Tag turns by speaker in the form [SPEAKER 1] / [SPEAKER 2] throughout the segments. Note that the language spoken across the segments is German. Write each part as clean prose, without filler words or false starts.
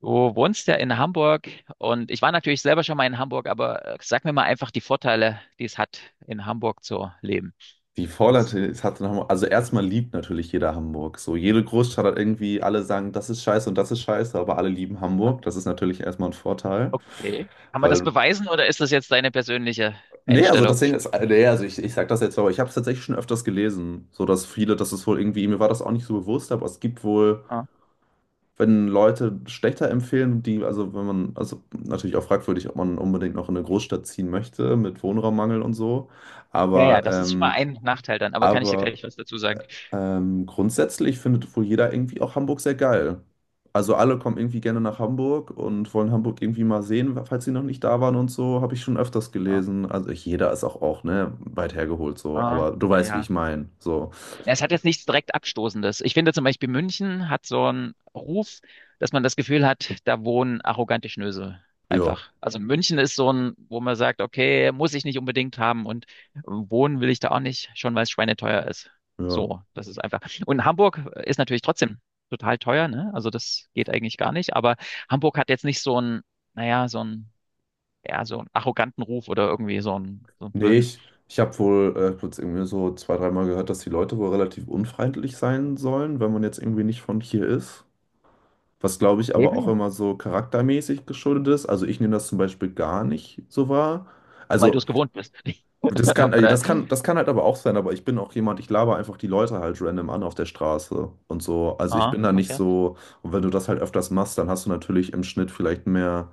[SPEAKER 1] Du wohnst ja in Hamburg und ich war natürlich selber schon mal in Hamburg, aber sag mir mal einfach die Vorteile, die es hat, in Hamburg zu leben.
[SPEAKER 2] Die Vorland
[SPEAKER 1] Was?
[SPEAKER 2] es hatte nochmal, also erstmal liebt natürlich jeder Hamburg. So, jede Großstadt hat irgendwie, alle sagen, das ist scheiße und das ist scheiße, aber alle lieben
[SPEAKER 1] Ja?
[SPEAKER 2] Hamburg. Das ist natürlich erstmal ein Vorteil,
[SPEAKER 1] Okay. Kann man das
[SPEAKER 2] weil,
[SPEAKER 1] beweisen oder ist das jetzt deine persönliche
[SPEAKER 2] nee, also das
[SPEAKER 1] Einstellung?
[SPEAKER 2] Ding ist, nee, also ich sag das jetzt, so, aber ich habe es tatsächlich schon öfters gelesen, so dass viele, das ist wohl irgendwie, mir war das auch nicht so bewusst, aber es gibt wohl,
[SPEAKER 1] Ja,
[SPEAKER 2] wenn Leute schlechter empfehlen, die, also wenn man, also natürlich auch fragwürdig, ob man unbedingt noch in eine Großstadt ziehen möchte mit Wohnraummangel und so,
[SPEAKER 1] ja, ja,
[SPEAKER 2] aber,
[SPEAKER 1] das ist schon mal
[SPEAKER 2] ähm,
[SPEAKER 1] ein Nachteil dann, aber kann ich dir
[SPEAKER 2] aber
[SPEAKER 1] gleich was dazu sagen?
[SPEAKER 2] Ähm, grundsätzlich findet wohl jeder irgendwie auch Hamburg sehr geil. Also alle kommen irgendwie gerne nach Hamburg und wollen Hamburg irgendwie mal sehen, falls sie noch nicht da waren und so, habe ich schon öfters
[SPEAKER 1] Ja,
[SPEAKER 2] gelesen. Also ich, jeder ist auch, ne, weit hergeholt so,
[SPEAKER 1] ja,
[SPEAKER 2] aber du weißt, wie ich
[SPEAKER 1] ja.
[SPEAKER 2] meine. So,
[SPEAKER 1] Ja, es hat jetzt nichts direkt Abstoßendes. Ich finde zum Beispiel, München hat so einen Ruf, dass man das Gefühl hat, da wohnen arrogante Schnösel.
[SPEAKER 2] ja,
[SPEAKER 1] Einfach. Also München ist so ein, wo man sagt, okay, muss ich nicht unbedingt haben und wohnen will ich da auch nicht, schon weil es schweineteuer ist.
[SPEAKER 2] ja.
[SPEAKER 1] So, das ist einfach. Und Hamburg ist natürlich trotzdem total teuer, ne? Also das geht eigentlich gar nicht, aber Hamburg hat jetzt nicht so einen, naja, so einen, ja, so einen arroganten Ruf oder irgendwie so einen
[SPEAKER 2] Nee,
[SPEAKER 1] blöden,
[SPEAKER 2] ich habe wohl kurz irgendwie so zwei, dreimal gehört, dass die Leute wohl relativ unfreundlich sein sollen, wenn man jetzt irgendwie nicht von hier ist. Was, glaube ich, aber
[SPEAKER 1] okay.
[SPEAKER 2] auch immer so charaktermäßig geschuldet ist. Also ich nehme das zum Beispiel gar nicht so wahr.
[SPEAKER 1] Weil du
[SPEAKER 2] Also,
[SPEAKER 1] es gewohnt bist.
[SPEAKER 2] Das kann, äh,
[SPEAKER 1] Oder,
[SPEAKER 2] das kann, das kann halt aber auch sein, aber ich bin auch jemand, ich laber einfach die Leute halt random an auf der Straße und so. Also ich
[SPEAKER 1] ah,
[SPEAKER 2] bin da nicht
[SPEAKER 1] okay.
[SPEAKER 2] so, und wenn du das halt öfters machst, dann hast du natürlich im Schnitt vielleicht mehr,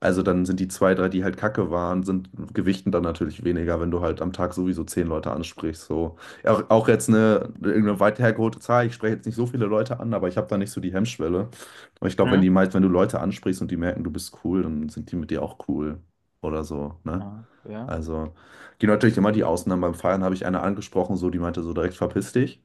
[SPEAKER 2] also dann sind die zwei, drei, die halt Kacke waren, sind gewichten dann natürlich weniger, wenn du halt am Tag sowieso 10 Leute ansprichst. So. Auch jetzt eine, irgendeine weit hergeholte Zahl, ich spreche jetzt nicht so viele Leute an, aber ich habe da nicht so die Hemmschwelle. Aber ich glaube, wenn
[SPEAKER 1] Hm?
[SPEAKER 2] die meist, wenn du Leute ansprichst und die merken, du bist cool, dann sind die mit dir auch cool oder so, ne?
[SPEAKER 1] Ah, ja.
[SPEAKER 2] Also, gibt natürlich immer die Ausnahmen. Beim Feiern habe ich eine angesprochen, so, die meinte so direkt, verpiss dich.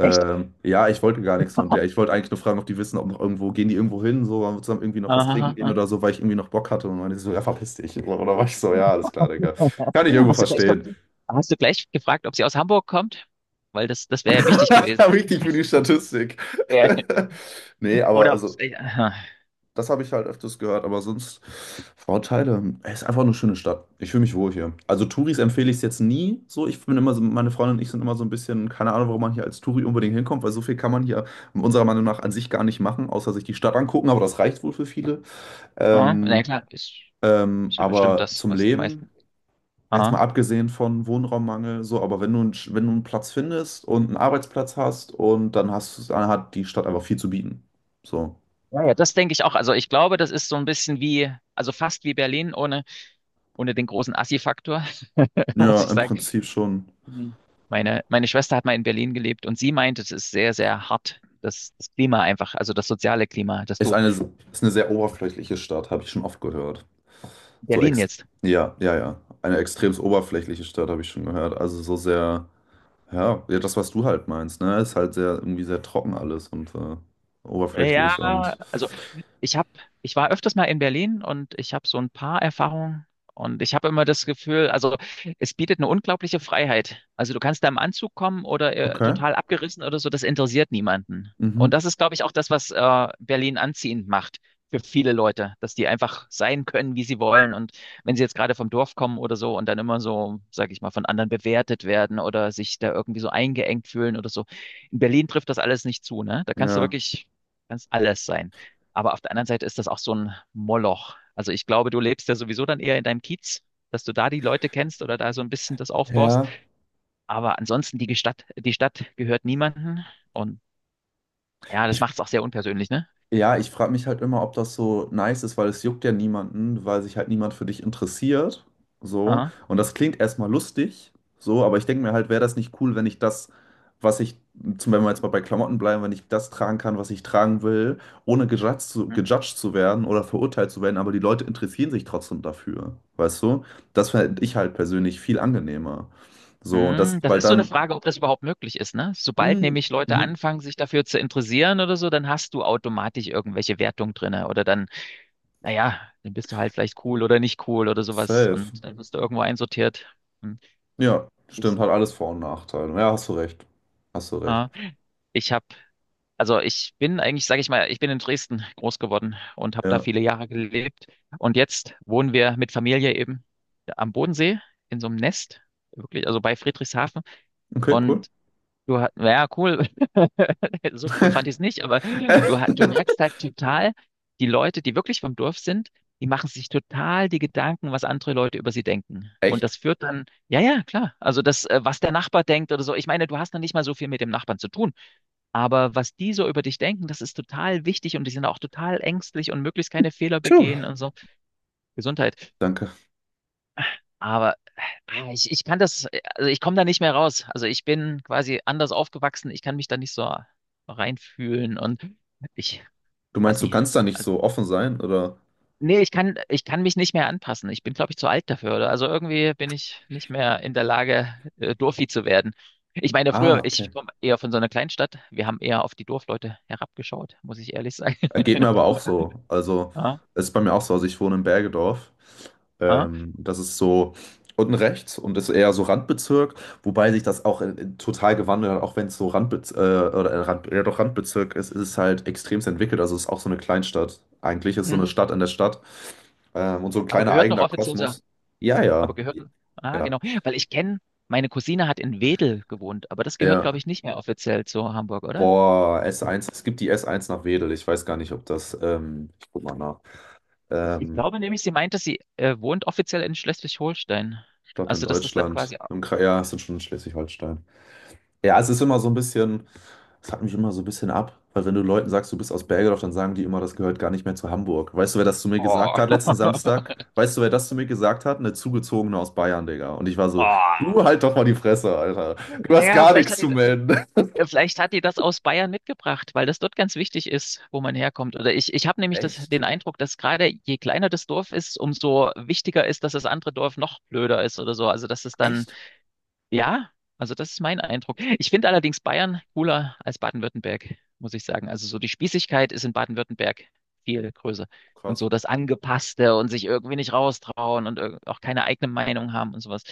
[SPEAKER 1] Echt?
[SPEAKER 2] Ja, ich wollte gar nichts von der. Ich wollte eigentlich nur fragen, ob die wissen, ob noch irgendwo, gehen die irgendwo hin, so, wollen wir zusammen irgendwie noch was trinken
[SPEAKER 1] Aha,
[SPEAKER 2] gehen
[SPEAKER 1] aha.
[SPEAKER 2] oder so, weil ich irgendwie noch Bock hatte. Und meinte sie so, ja, verpiss dich. Oder war ich so, ja, alles klar, Digga. Kann ich irgendwo
[SPEAKER 1] Hast du gleich noch,
[SPEAKER 2] verstehen.
[SPEAKER 1] hast du gleich gefragt, ob sie aus Hamburg kommt? Weil das, das wäre ja wichtig gewesen.
[SPEAKER 2] Wichtig für die Statistik.
[SPEAKER 1] Ja.
[SPEAKER 2] Nee, aber
[SPEAKER 1] Oder,
[SPEAKER 2] also,
[SPEAKER 1] ja,
[SPEAKER 2] das habe ich halt öfters gehört, aber sonst Vorteile. Es ist einfach eine schöne Stadt. Ich fühle mich wohl hier. Also Touris empfehle ich es jetzt nie so. Ich bin immer so, meine Freundin und ich sind immer so ein bisschen, keine Ahnung, warum man hier als Touri unbedingt hinkommt, weil so viel kann man hier unserer Meinung nach an sich gar nicht machen, außer sich die Stadt angucken, aber das reicht wohl für viele.
[SPEAKER 1] ah, na ja,
[SPEAKER 2] Ähm,
[SPEAKER 1] klar, ist, ist ja bestimmt
[SPEAKER 2] aber
[SPEAKER 1] das,
[SPEAKER 2] zum
[SPEAKER 1] was die
[SPEAKER 2] Leben,
[SPEAKER 1] meisten.
[SPEAKER 2] jetzt mal
[SPEAKER 1] Aha.
[SPEAKER 2] abgesehen von Wohnraummangel, so, aber wenn du, wenn du einen Platz findest und einen Arbeitsplatz hast und dann hat die Stadt einfach viel zu bieten. So.
[SPEAKER 1] Ja, ja, das denke ich auch. Also ich glaube, das ist so ein bisschen wie, also fast wie Berlin ohne, ohne den großen Assi-Faktor, muss
[SPEAKER 2] Ja,
[SPEAKER 1] ich
[SPEAKER 2] im
[SPEAKER 1] sagen.
[SPEAKER 2] Prinzip schon.
[SPEAKER 1] Mhm. Meine, meine Schwester hat mal in Berlin gelebt und sie meint, es ist sehr, sehr hart, das, das Klima einfach, also das soziale Klima, dass
[SPEAKER 2] Ist
[SPEAKER 1] du
[SPEAKER 2] eine, ist eine sehr oberflächliche Stadt, habe ich schon oft gehört.
[SPEAKER 1] in
[SPEAKER 2] So
[SPEAKER 1] Berlin
[SPEAKER 2] ex
[SPEAKER 1] jetzt.
[SPEAKER 2] ja, ja, ja. Eine extrem oberflächliche Stadt habe ich schon gehört. Also so sehr, ja, ja, das, was du halt meinst, ne? Ist halt sehr, irgendwie sehr trocken alles und
[SPEAKER 1] Ja,
[SPEAKER 2] oberflächlich und
[SPEAKER 1] also ich habe, ich war öfters mal in Berlin und ich habe so ein paar Erfahrungen und ich habe immer das Gefühl, also es bietet eine unglaubliche Freiheit. Also du kannst da im Anzug kommen oder
[SPEAKER 2] okay.
[SPEAKER 1] total abgerissen oder so, das interessiert niemanden. Und
[SPEAKER 2] Mhm.
[SPEAKER 1] das ist, glaube ich, auch das, was Berlin anziehend macht für viele Leute, dass die einfach sein können, wie sie wollen. Und wenn sie jetzt gerade vom Dorf kommen oder so und dann immer so, sage ich mal, von anderen bewertet werden oder sich da irgendwie so eingeengt fühlen oder so. In Berlin trifft das alles nicht zu, ne? Da kannst du
[SPEAKER 2] Ja.
[SPEAKER 1] wirklich, kannst alles sein. Aber auf der anderen Seite ist das auch so ein Moloch. Also ich glaube, du lebst ja sowieso dann eher in deinem Kiez, dass du da die Leute kennst oder da so ein bisschen das aufbaust.
[SPEAKER 2] Ja.
[SPEAKER 1] Aber ansonsten die Stadt gehört niemandem. Und ja, das
[SPEAKER 2] Ich,
[SPEAKER 1] macht es auch sehr unpersönlich, ne?
[SPEAKER 2] Ja, ich frage mich halt immer, ob das so nice ist, weil es juckt ja niemanden, weil sich halt niemand für dich interessiert. So.
[SPEAKER 1] Aha.
[SPEAKER 2] Und das klingt erstmal lustig, so, aber ich denke mir halt, wäre das nicht cool, wenn ich das, was ich, zum Beispiel, wenn wir jetzt mal bei Klamotten bleiben, wenn ich das tragen kann, was ich tragen will, ohne gejudged zu werden oder verurteilt zu werden, aber die Leute interessieren sich trotzdem dafür. Weißt du? Das fände ich halt persönlich viel angenehmer. So, und das,
[SPEAKER 1] Hm, das
[SPEAKER 2] weil
[SPEAKER 1] ist so eine
[SPEAKER 2] dann,
[SPEAKER 1] Frage, ob das überhaupt möglich ist, ne? Sobald
[SPEAKER 2] mh,
[SPEAKER 1] nämlich Leute
[SPEAKER 2] mh,
[SPEAKER 1] anfangen, sich dafür zu interessieren oder so, dann hast du automatisch irgendwelche Wertungen drinne oder dann, naja, dann bist du halt vielleicht cool oder nicht cool oder sowas
[SPEAKER 2] safe.
[SPEAKER 1] und dann wirst du irgendwo einsortiert. Hm.
[SPEAKER 2] Ja,
[SPEAKER 1] Ich,
[SPEAKER 2] stimmt, hat alles Vor- und Nachteile. Ja, hast du recht. Hast du recht.
[SPEAKER 1] ah, ich habe. Also ich bin eigentlich, sage ich mal, ich bin in Dresden groß geworden und habe da
[SPEAKER 2] Ja,
[SPEAKER 1] viele Jahre gelebt. Und jetzt wohnen wir mit Familie eben am Bodensee in so einem Nest, wirklich, also bei Friedrichshafen.
[SPEAKER 2] okay,
[SPEAKER 1] Und
[SPEAKER 2] cool.
[SPEAKER 1] du hast, ja, cool, so cool fand ich es nicht, aber du, du merkst halt total, die Leute, die wirklich vom Dorf sind, die machen sich total die Gedanken, was andere Leute über sie denken. Und
[SPEAKER 2] Echt?
[SPEAKER 1] das führt dann, ja, ja, klar. Also das, was der Nachbar denkt oder so. Ich meine, du hast dann nicht mal so viel mit dem Nachbarn zu tun. Aber was die so über dich denken, das ist total wichtig und die sind auch total ängstlich und möglichst keine Fehler
[SPEAKER 2] Puh,
[SPEAKER 1] begehen und so. Gesundheit.
[SPEAKER 2] danke.
[SPEAKER 1] Aber ich, ich kann das, also ich komme da nicht mehr raus. Also ich bin quasi anders aufgewachsen. Ich kann mich da nicht so reinfühlen und ich
[SPEAKER 2] Du
[SPEAKER 1] weiß
[SPEAKER 2] meinst, du
[SPEAKER 1] nicht.
[SPEAKER 2] kannst da nicht
[SPEAKER 1] Also,
[SPEAKER 2] so offen sein, oder?
[SPEAKER 1] nee, ich kann mich nicht mehr anpassen. Ich bin, glaube ich, zu alt dafür. Oder? Also irgendwie bin ich nicht mehr in der Lage, Dorfi zu werden. Ich meine,
[SPEAKER 2] Ah,
[SPEAKER 1] früher,
[SPEAKER 2] okay.
[SPEAKER 1] ich komme eher von so einer Kleinstadt. Wir haben eher auf die Dorfleute herabgeschaut, muss ich ehrlich sagen.
[SPEAKER 2] Geht mir aber auch so. Also, es ist bei mir auch so. Also, ich wohne in Bergedorf.
[SPEAKER 1] Ah,
[SPEAKER 2] Das ist so unten rechts und ist eher so Randbezirk, wobei sich das auch total gewandelt hat, auch wenn es so Randbez oder Rand ja, doch Randbezirk ist, ist es halt extremst entwickelt. Also, es ist auch so eine Kleinstadt. Eigentlich ist so eine
[SPEAKER 1] mhm.
[SPEAKER 2] Stadt in der Stadt, und so ein
[SPEAKER 1] Aber
[SPEAKER 2] kleiner
[SPEAKER 1] gehört noch
[SPEAKER 2] eigener
[SPEAKER 1] offiziell zur,
[SPEAKER 2] Kosmos. Ja,
[SPEAKER 1] aber
[SPEAKER 2] ja.
[SPEAKER 1] gehört, ah,
[SPEAKER 2] Ja,
[SPEAKER 1] genau, weil ich kenne, meine Cousine hat in Wedel gewohnt, aber das gehört, glaube
[SPEAKER 2] ja.
[SPEAKER 1] ich, nicht mehr offiziell zu Hamburg, oder?
[SPEAKER 2] Boah, S1, es gibt die S1 nach Wedel. Ich weiß gar nicht, ob das, ich guck mal nach.
[SPEAKER 1] Ich
[SPEAKER 2] Ähm,
[SPEAKER 1] glaube nämlich, sie meinte, sie wohnt offiziell in Schleswig-Holstein.
[SPEAKER 2] Ich glaube, in
[SPEAKER 1] Also, dass das dann
[SPEAKER 2] Deutschland,
[SPEAKER 1] quasi,
[SPEAKER 2] im Kra ja, es sind schon in Schleswig-Holstein. Ja, es ist immer so ein bisschen, es hat mich immer so ein bisschen ab, weil wenn du Leuten sagst, du bist aus Bergedorf, dann sagen die immer, das gehört gar nicht mehr zu Hamburg. Weißt du, wer das zu mir gesagt
[SPEAKER 1] oh.
[SPEAKER 2] hat letzten Samstag? Weißt du, wer das zu mir gesagt hat? Eine Zugezogene aus Bayern, Digga. Und ich war so,
[SPEAKER 1] Oh.
[SPEAKER 2] du halt doch mal die Fresse, Alter. Du hast
[SPEAKER 1] Naja,
[SPEAKER 2] gar nichts zu melden.
[SPEAKER 1] vielleicht hat die das aus Bayern mitgebracht, weil das dort ganz wichtig ist, wo man herkommt. Oder ich habe nämlich das,
[SPEAKER 2] Echt?
[SPEAKER 1] den Eindruck, dass gerade je kleiner das Dorf ist, umso wichtiger ist, dass das andere Dorf noch blöder ist oder so. Also, dass es dann.
[SPEAKER 2] Echt?
[SPEAKER 1] Ja, also das ist mein Eindruck. Ich finde allerdings Bayern cooler als Baden-Württemberg, muss ich sagen. Also so die Spießigkeit ist in Baden-Württemberg viel größer. Und
[SPEAKER 2] Krass.
[SPEAKER 1] so das Angepasste und sich irgendwie nicht raustrauen und auch keine eigene Meinung haben und sowas.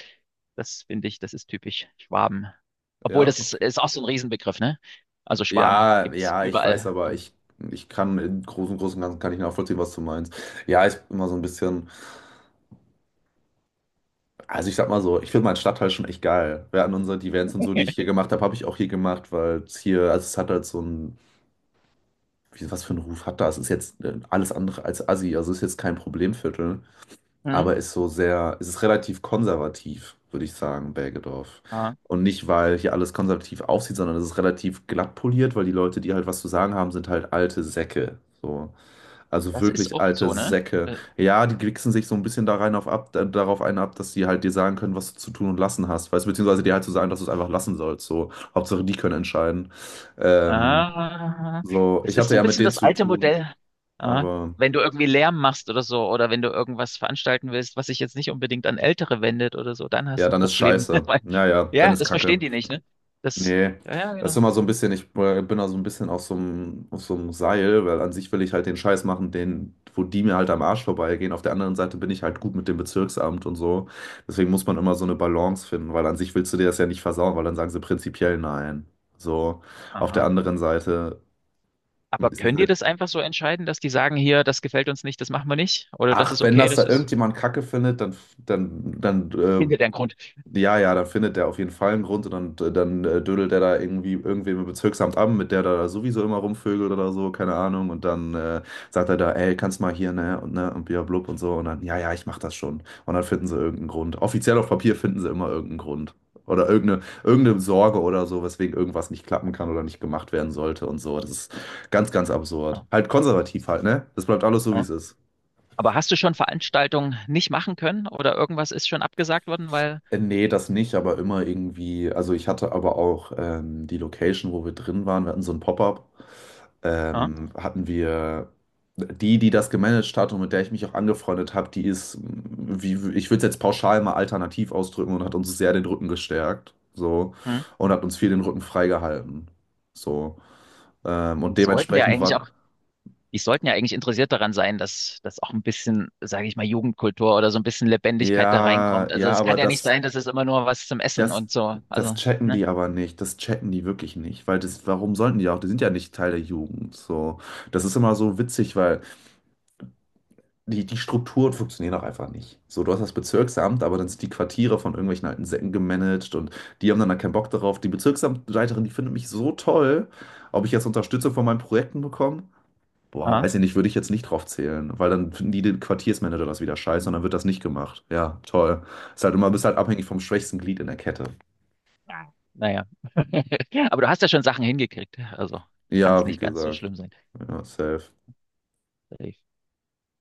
[SPEAKER 1] Das finde ich, das ist typisch Schwaben. Obwohl
[SPEAKER 2] Ja,
[SPEAKER 1] das ist,
[SPEAKER 2] okay.
[SPEAKER 1] ist auch so ein Riesenbegriff, ne? Also Schwaben
[SPEAKER 2] Ja,
[SPEAKER 1] gibt's
[SPEAKER 2] ja, ich weiß,
[SPEAKER 1] überall.
[SPEAKER 2] aber
[SPEAKER 1] Und,
[SPEAKER 2] ich kann im Großen und Ganzen kann ich nachvollziehen, was du meinst. Ja, ich bin immer so ein bisschen. Also ich sag mal so, ich finde meinen Stadtteil schon echt geil. Während unserer die Events und so, die ich hier gemacht habe, habe ich auch hier gemacht, weil es hier, also es hat halt so ein, wie, was für einen Ruf hat das? Es ist jetzt alles andere als Assi, also es ist jetzt kein Problemviertel,
[SPEAKER 1] mhm,
[SPEAKER 2] aber ist so sehr, es ist relativ konservativ, würde ich sagen, Bergedorf.
[SPEAKER 1] ja,
[SPEAKER 2] Und nicht, weil hier alles konservativ aussieht, sondern es ist relativ glatt poliert, weil die Leute, die halt was zu sagen haben, sind halt alte Säcke. So. Also
[SPEAKER 1] das ist
[SPEAKER 2] wirklich
[SPEAKER 1] oft
[SPEAKER 2] alte
[SPEAKER 1] so, ne?
[SPEAKER 2] Säcke.
[SPEAKER 1] Äh,
[SPEAKER 2] Ja, die wichsen sich so ein bisschen da rein auf ab, darauf einen ab, dass die halt dir sagen können, was du zu tun und lassen hast. Weißt, du, beziehungsweise dir halt zu sagen, dass du es einfach lassen sollst. So, Hauptsache die können entscheiden. Ähm,
[SPEAKER 1] ah,
[SPEAKER 2] so,
[SPEAKER 1] das
[SPEAKER 2] ich
[SPEAKER 1] ist
[SPEAKER 2] hatte
[SPEAKER 1] so ein
[SPEAKER 2] ja mit
[SPEAKER 1] bisschen
[SPEAKER 2] denen
[SPEAKER 1] das
[SPEAKER 2] zu
[SPEAKER 1] alte
[SPEAKER 2] tun,
[SPEAKER 1] Modell. Ah,
[SPEAKER 2] aber
[SPEAKER 1] wenn du irgendwie Lärm machst oder so, oder wenn du irgendwas veranstalten willst, was sich jetzt nicht unbedingt an Ältere wendet oder so, dann hast
[SPEAKER 2] ja,
[SPEAKER 1] du ein
[SPEAKER 2] dann ist
[SPEAKER 1] Problem.
[SPEAKER 2] scheiße.
[SPEAKER 1] Weil,
[SPEAKER 2] Naja, dann
[SPEAKER 1] ja,
[SPEAKER 2] ist
[SPEAKER 1] das
[SPEAKER 2] Kacke.
[SPEAKER 1] verstehen die nicht, ne? Das,
[SPEAKER 2] Nee,
[SPEAKER 1] ja, ja,
[SPEAKER 2] das ist
[SPEAKER 1] genau.
[SPEAKER 2] immer so ein bisschen, ich bin da so ein bisschen auf so einem Seil, weil an sich will ich halt den Scheiß machen, den, wo die mir halt am Arsch vorbeigehen. Auf der anderen Seite bin ich halt gut mit dem Bezirksamt und so. Deswegen muss man immer so eine Balance finden, weil an sich willst du dir das ja nicht versauen, weil dann sagen sie prinzipiell nein. So, auf der
[SPEAKER 1] Aha.
[SPEAKER 2] anderen Seite
[SPEAKER 1] Aber
[SPEAKER 2] ist es
[SPEAKER 1] können die
[SPEAKER 2] halt,
[SPEAKER 1] das einfach so entscheiden, dass die sagen, hier, das gefällt uns nicht, das machen wir nicht? Oder das
[SPEAKER 2] ach,
[SPEAKER 1] ist
[SPEAKER 2] wenn
[SPEAKER 1] okay,
[SPEAKER 2] das
[SPEAKER 1] das
[SPEAKER 2] da
[SPEAKER 1] ist
[SPEAKER 2] irgendjemand Kacke findet, dann
[SPEAKER 1] hinter deren Grund.
[SPEAKER 2] ja, ja, dann findet der auf jeden Fall einen Grund und dann dödelt der da irgendwie irgendwem im Bezirksamt an, mit der da sowieso immer rumvögelt oder so, keine Ahnung. Und dann sagt er da, ey, kannst mal hier, ne, und ne, und bia blub und so. Und dann, ja, ja, ich mach das schon. Und dann finden sie irgendeinen Grund. Offiziell auf Papier finden sie immer irgendeinen Grund. Oder irgendeine Sorge oder so, weswegen irgendwas nicht klappen kann oder nicht gemacht werden sollte und so. Das ist ganz, ganz absurd.
[SPEAKER 1] Ja,
[SPEAKER 2] Halt konservativ halt, ne? Das bleibt alles so, wie
[SPEAKER 1] ja.
[SPEAKER 2] es ist.
[SPEAKER 1] Aber hast du schon Veranstaltungen nicht machen können oder irgendwas ist schon abgesagt worden, weil,
[SPEAKER 2] Nee, das nicht, aber immer irgendwie. Also ich hatte aber auch die Location, wo wir drin waren. Wir hatten so ein Pop-up.
[SPEAKER 1] ja,
[SPEAKER 2] Hatten wir die, die das gemanagt hat und mit der ich mich auch angefreundet habe, die ist, wie, ich würde es jetzt pauschal mal alternativ ausdrücken und hat uns sehr den Rücken gestärkt. So.
[SPEAKER 1] hm.
[SPEAKER 2] Und hat uns viel den Rücken freigehalten. So.
[SPEAKER 1] Die
[SPEAKER 2] Und
[SPEAKER 1] sollten ja
[SPEAKER 2] dementsprechend
[SPEAKER 1] eigentlich
[SPEAKER 2] war.
[SPEAKER 1] auch die sollten ja eigentlich interessiert daran sein, dass, dass auch ein bisschen, sage ich mal, Jugendkultur oder so ein bisschen Lebendigkeit da reinkommt.
[SPEAKER 2] Ja,
[SPEAKER 1] Also
[SPEAKER 2] ja,
[SPEAKER 1] es kann
[SPEAKER 2] aber
[SPEAKER 1] ja nicht
[SPEAKER 2] das.
[SPEAKER 1] sein, dass es immer nur was zum Essen
[SPEAKER 2] Das,
[SPEAKER 1] und so.
[SPEAKER 2] das
[SPEAKER 1] Also,
[SPEAKER 2] checken
[SPEAKER 1] ne?
[SPEAKER 2] die aber nicht, das checken die wirklich nicht, weil das, warum sollten die auch? Die sind ja nicht Teil der Jugend, so. Das ist immer so witzig, weil die Strukturen funktionieren auch einfach nicht. So, du hast das Bezirksamt, aber dann sind die Quartiere von irgendwelchen alten Säcken gemanagt und die haben dann da keinen Bock darauf. Die Bezirksamtleiterin, die findet mich so toll, ob ich jetzt Unterstützung von meinen Projekten bekomme? Boah,
[SPEAKER 1] Aha.
[SPEAKER 2] weiß ich nicht, würde ich jetzt nicht drauf zählen, weil dann finden die den Quartiersmanager das wieder scheiße und dann wird das nicht gemacht. Ja, toll. Ist halt immer, bist halt abhängig vom schwächsten Glied in der Kette.
[SPEAKER 1] Ja. Naja. Aber du hast ja schon Sachen hingekriegt. Also kann es
[SPEAKER 2] Ja, wie
[SPEAKER 1] nicht ganz so
[SPEAKER 2] gesagt.
[SPEAKER 1] schlimm sein.
[SPEAKER 2] Ja, safe.